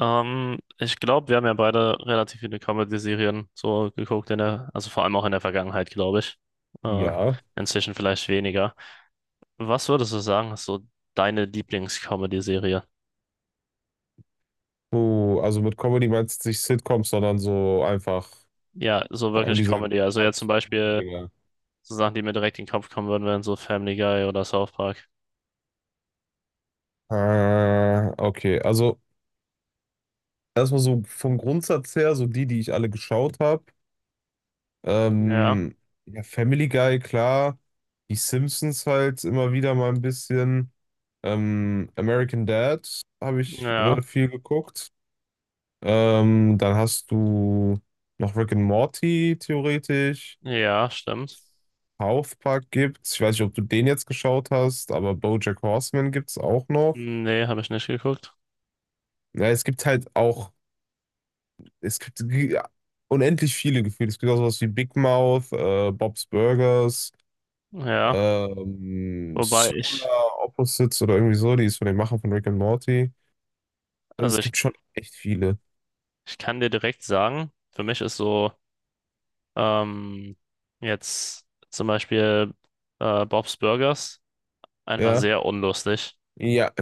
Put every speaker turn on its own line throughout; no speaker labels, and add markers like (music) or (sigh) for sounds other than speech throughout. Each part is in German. Ich glaube, wir haben ja beide relativ viele Comedy-Serien so geguckt in der, also vor allem auch in der Vergangenheit, glaube ich. Äh,
Ja.
Inzwischen vielleicht weniger. Was würdest du sagen, ist so deine Lieblings-Comedy-Serie?
Oh, also mit Comedy meinst du nicht Sitcoms, sondern so einfach
Ja, so
vor allem
wirklich
diese
Comedy. Also jetzt zum Beispiel
Cartoon-Dinger.
so Sachen, die mir direkt in den Kopf kommen würden, wären so Family Guy oder South Park.
Ah, okay. Also erstmal so vom Grundsatz her, die ich alle geschaut habe.
Ja,
Ähm, ja, Family Guy, klar. Die Simpsons halt immer wieder mal ein bisschen. American Dad habe ich
ja,
viel geguckt. Dann hast du noch Rick and Morty theoretisch.
ja, stimmt.
South Park gibt's. Ich weiß nicht, ob du den jetzt geschaut hast, aber BoJack Horseman gibt's auch noch.
Nee, habe ich nicht geguckt.
Ja, es gibt halt auch, es gibt ge- Unendlich viele Gefühle. Es gibt auch sowas wie Big Mouth, Bob's Burgers,
Ja, wobei ich,
Solar Opposites oder irgendwie so. Die ist von den Machern von Rick and Morty. Also
also
es
ich,
gibt schon echt viele.
ich kann dir direkt sagen, für mich ist so. Ähm, Jetzt zum Beispiel Bob's Burgers, einfach
Ja,
sehr unlustig.
ja,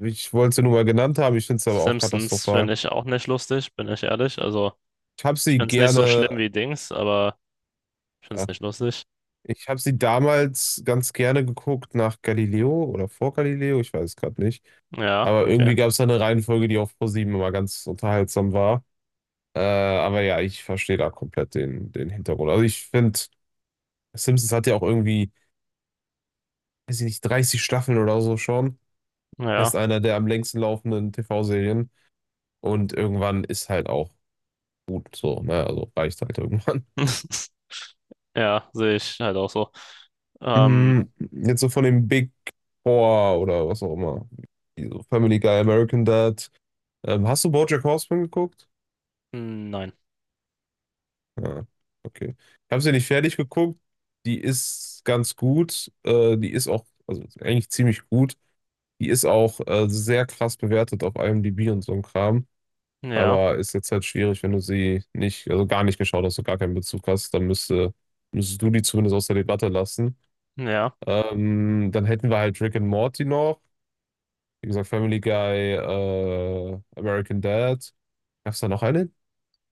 ich wollte sie nur mal genannt haben. Ich finde es aber auch
Simpsons
katastrophal.
finde ich auch nicht lustig, bin ich ehrlich. Also,
Ich habe
ich
sie
finde es nicht so schlimm
gerne.
wie Dings, aber ich finde
äh,
es nicht lustig.
Ich habe sie damals ganz gerne geguckt nach Galileo oder vor Galileo, ich weiß es gerade nicht.
Ja,
Aber
okay.
irgendwie gab es da eine Reihenfolge, die auf ProSieben immer ganz unterhaltsam war. Aber ja, ich verstehe da komplett den Hintergrund. Also ich finde, Simpsons hat ja auch irgendwie, weiß ich nicht, 30 Staffeln oder so schon. Ist
Ja.
einer der am längsten laufenden TV-Serien. Und irgendwann ist halt auch gut so, ne? Also reicht halt irgendwann.
(laughs) Ja, sehe ich halt auch so. Ähm,
Mhm. Jetzt so von den Big Four oder was auch immer. Die so Family Guy, American Dad. Hast du BoJack Horseman geguckt?
nein.
Ja, okay. Ich habe sie nicht fertig geguckt. Die ist ganz gut. Die ist auch, also eigentlich ziemlich gut. Die ist auch sehr krass bewertet auf IMDb und so ein Kram.
Ja,
Aber ist jetzt halt schwierig, wenn du sie nicht, also gar nicht geschaut hast, du gar keinen Bezug hast, dann müsstest du die zumindest aus der Debatte lassen.
ja.
Dann hätten wir halt Rick and Morty noch. Wie gesagt, Family Guy, American Dad. Gab es da noch eine,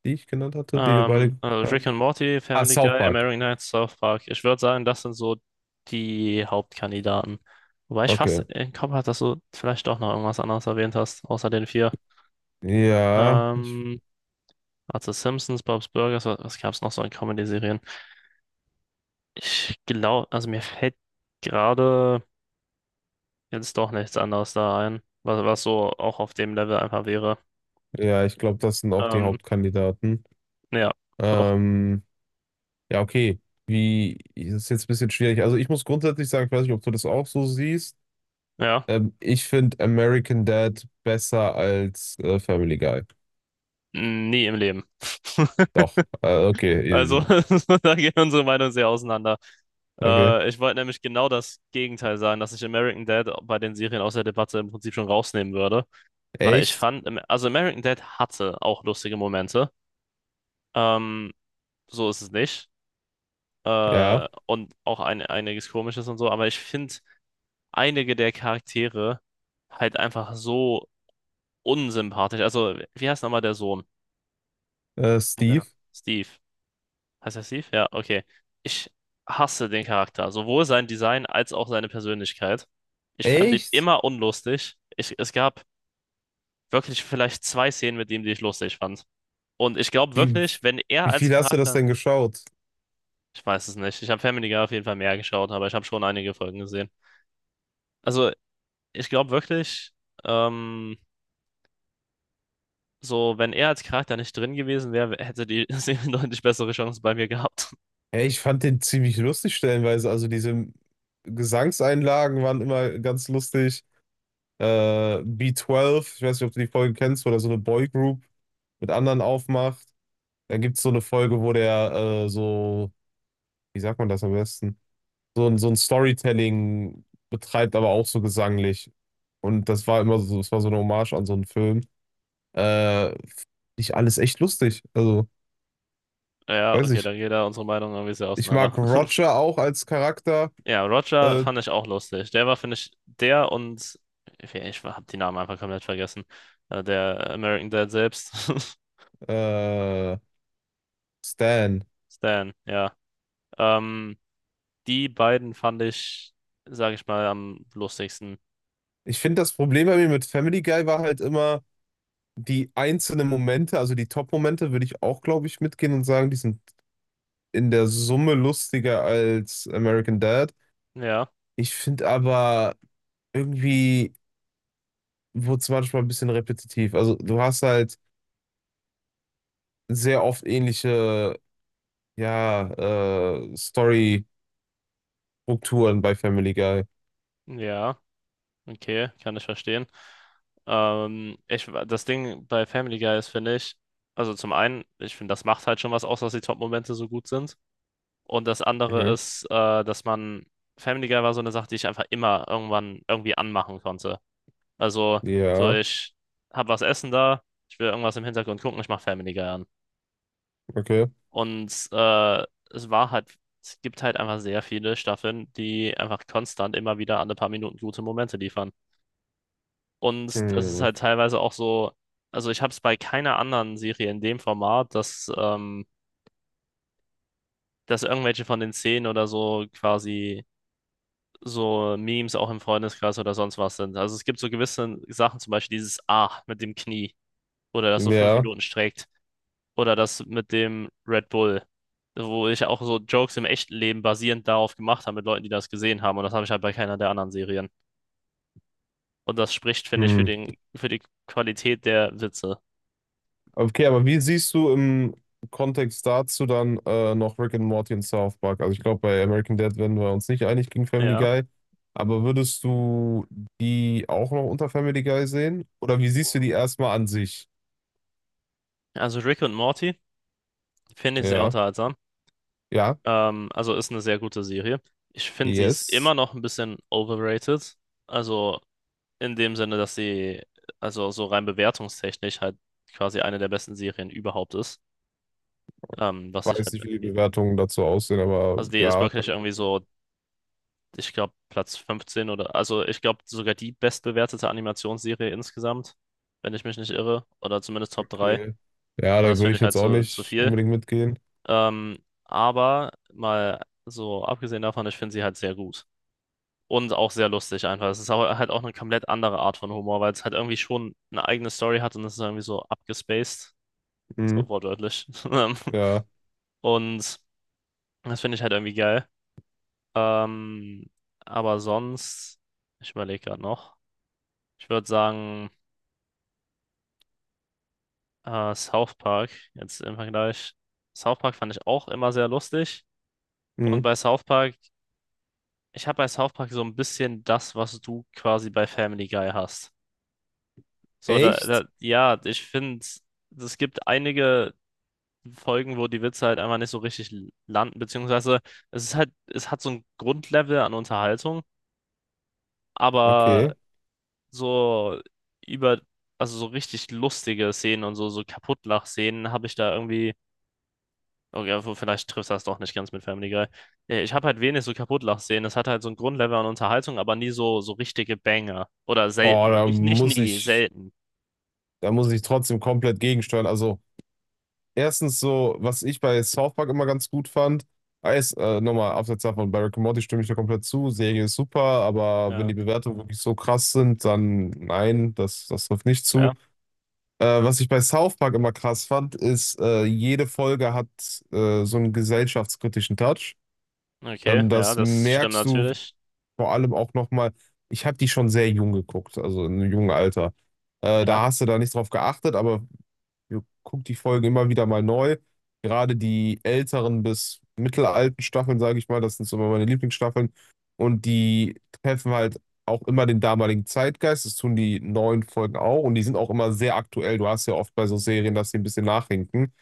die ich genannt hatte, die wir beide geguckt
Also Rick
haben?
and Morty,
Ah,
Family
South
Guy,
Park.
American Nights, South Park. Ich würde sagen, das sind so die Hauptkandidaten. Wobei ich fast
Okay.
im Kopf hatte, dass du vielleicht doch noch irgendwas anderes erwähnt hast, außer den vier.
Ja, ich,
Ähm, also Simpsons, Bob's Burgers, was gab es noch so in Comedy-Serien? Ich glaube, also mir fällt gerade jetzt doch nichts anderes da ein, was so auch auf dem Level einfach wäre.
ja, ich glaube, das sind auch die
Ähm,
Hauptkandidaten.
ja, doch.
Ähm, ja, okay. Wie, das ist jetzt ein bisschen schwierig. Also ich muss grundsätzlich sagen, ich weiß nicht, ob du das auch so siehst.
Ja,
Ich finde American Dad besser als Family Guy.
nie im Leben. (laughs)
Doch. Okay.
Also, (laughs) da gehen unsere Meinungen sehr auseinander.
Okay.
Ich wollte nämlich genau das Gegenteil sagen, dass ich American Dad bei den Serien aus der Debatte im Prinzip schon rausnehmen würde, weil ich
Echt?
fand, also American Dad hatte auch lustige Momente, ähm, so ist es nicht,
Ja.
und auch einiges Komisches und so, aber ich finde einige der Charaktere halt einfach so unsympathisch. Also, wie heißt nochmal der Sohn?
Steve?
Steve. Heißt er Steve? Ja, okay. Ich hasse den Charakter, sowohl sein Design als auch seine Persönlichkeit. Ich fand ihn
Echt?
immer unlustig. Es gab wirklich vielleicht zwei Szenen mit ihm, die ich lustig fand. Und ich glaube
Wie,
wirklich, wenn er
wie
als
viel hast du das
Charakter,
denn geschaut?
ich weiß es nicht, ich habe Family Guy auf jeden Fall mehr geschaut, aber ich habe schon einige Folgen gesehen. Also ich glaube wirklich, ähm, so wenn er als Charakter nicht drin gewesen wäre, hätte die (laughs) Serie deutlich bessere Chancen bei mir gehabt. (laughs)
Ja, ich fand den ziemlich lustig stellenweise. Also diese Gesangseinlagen waren immer ganz lustig. B12, ich weiß nicht, ob du die Folge kennst, wo der so eine Boygroup mit anderen aufmacht. Dann gibt es so eine Folge, wo der so, wie sagt man das am besten? So ein Storytelling betreibt, aber auch so gesanglich. Und das war immer so, das war so eine Hommage an so einen Film. Äh, Nicht alles echt lustig. Also,
Ja,
weiß
okay, da
ich.
geht da unsere Meinung irgendwie sehr
Ich mag
auseinander.
Roger auch als Charakter.
Ja, Roger
Äh,
fand ich auch lustig. Der war, finde ich, der und ich habe die Namen einfach komplett vergessen. Der American Dad selbst, (laughs)
äh, Stan.
Stan, ja. Ähm, Die beiden fand ich, sage ich mal, am lustigsten.
Ich finde, das Problem bei mir mit Family Guy war halt immer die einzelnen Momente, also die Top-Momente würde ich auch, glaube ich, mitgehen und sagen, die sind in der Summe lustiger als American Dad.
Ja,
Ich finde aber irgendwie wurde es manchmal ein bisschen repetitiv. Also du hast halt sehr oft ähnliche, ja, Story-Strukturen bei Family Guy.
ja, okay, kann ich verstehen. Das Ding bei Family Guy ist, finde ich, also zum einen, ich finde, das macht halt schon was aus, dass die Top-Momente so gut sind. Und das andere
Okay.
ist, dass man, Family Guy war so eine Sache, die ich einfach immer irgendwann irgendwie anmachen konnte. Also, so
Ja,
ich hab was essen da, ich will irgendwas im Hintergrund gucken, ich mach Family Guy an.
okay.
Und es war halt, es gibt halt einfach sehr viele Staffeln, die einfach konstant immer wieder alle paar Minuten gute Momente liefern. Und das ist
Hm.
halt teilweise auch so, also ich habe es bei keiner anderen Serie in dem Format, dass irgendwelche von den Szenen oder so quasi so Memes auch im Freundeskreis oder sonst was sind. Also es gibt so gewisse Sachen, zum Beispiel dieses A mit dem Knie oder das so fünf
Ja.
Minuten streckt oder das mit dem Red Bull, wo ich auch so Jokes im echten Leben basierend darauf gemacht habe mit Leuten, die das gesehen haben und das habe ich halt bei keiner der anderen Serien. Und das spricht, finde ich,
Hm.
für die Qualität der Witze.
Okay, aber wie siehst du im Kontext dazu dann noch Rick and Morty und South Park? Also ich glaube, bei American Dad werden wir uns nicht einig gegen Family
Ja.
Guy, aber würdest du die auch noch unter Family Guy sehen? Oder wie siehst du die erstmal an sich?
Also Rick und Morty finde ich sehr
Ja,
unterhaltsam.
ja,
Also ist eine sehr gute Serie. Ich finde, sie ist
yes.
immer noch ein bisschen overrated. Also in dem Sinne, dass sie, also so rein bewertungstechnisch halt quasi eine der besten Serien überhaupt ist. Was ich
Weiß
halt,
nicht, wie die Bewertungen dazu aussehen, aber
also die ist
ja, kann
wirklich
ich
irgendwie
verstehen.
so, ich glaube, Platz 15 oder, also ich glaube sogar die bestbewertete Animationsserie insgesamt, wenn ich mich nicht irre, oder zumindest Top drei.
Okay. Ja,
Und
da
das
würde
finde
ich
ich halt
jetzt auch
zu
nicht
viel.
unbedingt mitgehen.
Ähm, aber mal so abgesehen davon, ich finde sie halt sehr gut. Und auch sehr lustig einfach. Es ist aber halt auch eine komplett andere Art von Humor, weil es halt irgendwie schon eine eigene Story hat und es ist irgendwie so abgespaced.
Hm.
So wortwörtlich. (laughs)
Ja.
Und das finde ich halt irgendwie geil. Ähm, aber sonst, ich überlege gerade noch. Ich würde sagen, South Park, jetzt im Vergleich. South Park fand ich auch immer sehr lustig. Und
Hm.
bei South Park, ich habe bei South Park so ein bisschen das, was du quasi bei Family Guy hast. So,
Echt?
ja, ich finde, es gibt einige Folgen, wo die Witze halt einfach nicht so richtig landen, beziehungsweise es ist halt, es hat so ein Grundlevel an Unterhaltung, aber
Okay.
so über, also so richtig lustige Szenen und so, so Kaputtlach-Szenen habe ich da irgendwie, okay, vielleicht trifft das doch nicht ganz mit Family Guy. Ich habe halt wenig so Kaputtlach-Szenen. Es hat halt so ein Grundlevel an Unterhaltung, aber nie so, so richtige Banger. Oder
Oh,
selten.
da
Nicht
muss
nie,
ich.
selten.
Da muss ich trotzdem komplett gegensteuern. Also, erstens so, was ich bei South Park immer ganz gut fand, ist, nochmal abseits davon, bei Rick and Morty stimme ich da komplett zu. Serie ist super, aber wenn die
Ja,
Bewertungen wirklich so krass sind, dann nein, das trifft nicht
ja,
zu. Was ich bei South Park immer krass fand, ist, jede Folge hat so einen gesellschaftskritischen Touch.
okay, ja,
Das
das stimmt
merkst du
natürlich.
vor allem auch nochmal. Ich habe die schon sehr jung geguckt, also in einem jungen Alter.
Ja,
Da hast du da nicht drauf geachtet, aber wir gucken die Folgen immer wieder mal neu. Gerade die älteren bis mittelalten Staffeln, sage ich mal, das sind so immer meine Lieblingsstaffeln. Und die treffen halt auch immer den damaligen Zeitgeist. Das tun die neuen Folgen auch. Und die sind auch immer sehr aktuell. Du hast ja oft bei so Serien, dass sie ein bisschen nachhinken.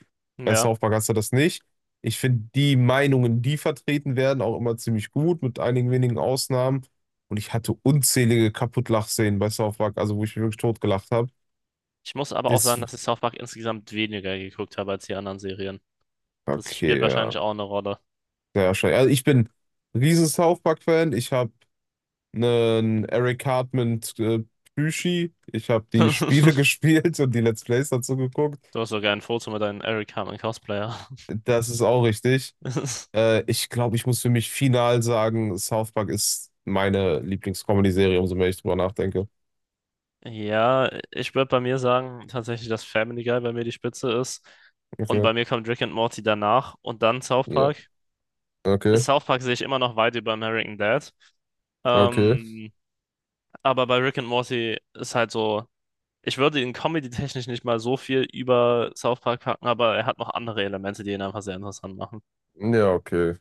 Bei
ja.
South Park hast du das nicht. Ich finde die Meinungen, die vertreten werden, auch immer ziemlich gut, mit einigen wenigen Ausnahmen. Und ich hatte unzählige Kaputtlachszenen bei South Park, also wo ich mich wirklich totgelacht habe.
Ich muss aber auch sagen,
Das,
dass ich South Park insgesamt weniger geguckt habe als die anderen Serien. Das
okay,
spielt
ja.
wahrscheinlich auch eine Rolle.
Sehr wahrscheinlich. Also ich bin riesen South Park-Fan. Ich habe einen Eric Cartman Plüschi. Ich habe die Spiele (laughs)
(laughs)
gespielt und die Let's Plays dazu geguckt.
Du hast sogar ein Foto mit deinem Eric Carmen Cosplayer.
Das ist auch richtig.
(laughs)
Ich glaube, ich muss für mich final sagen, South Park ist meine Lieblings-Comedy-Serie, umso mehr ich drüber nachdenke.
Ja, ich würde bei mir sagen, tatsächlich, dass Family Guy bei mir die Spitze ist. Und
Okay.
bei mir kommt Rick and Morty danach und dann South
Ja.
Park.
Okay.
South Park sehe ich immer noch weit über American Dad.
Okay.
Ähm, aber bei Rick and Morty ist halt so, ich würde ihn comedy-technisch nicht mal so viel über South Park packen, aber er hat noch andere Elemente, die ihn einfach sehr interessant machen.
Ja, okay.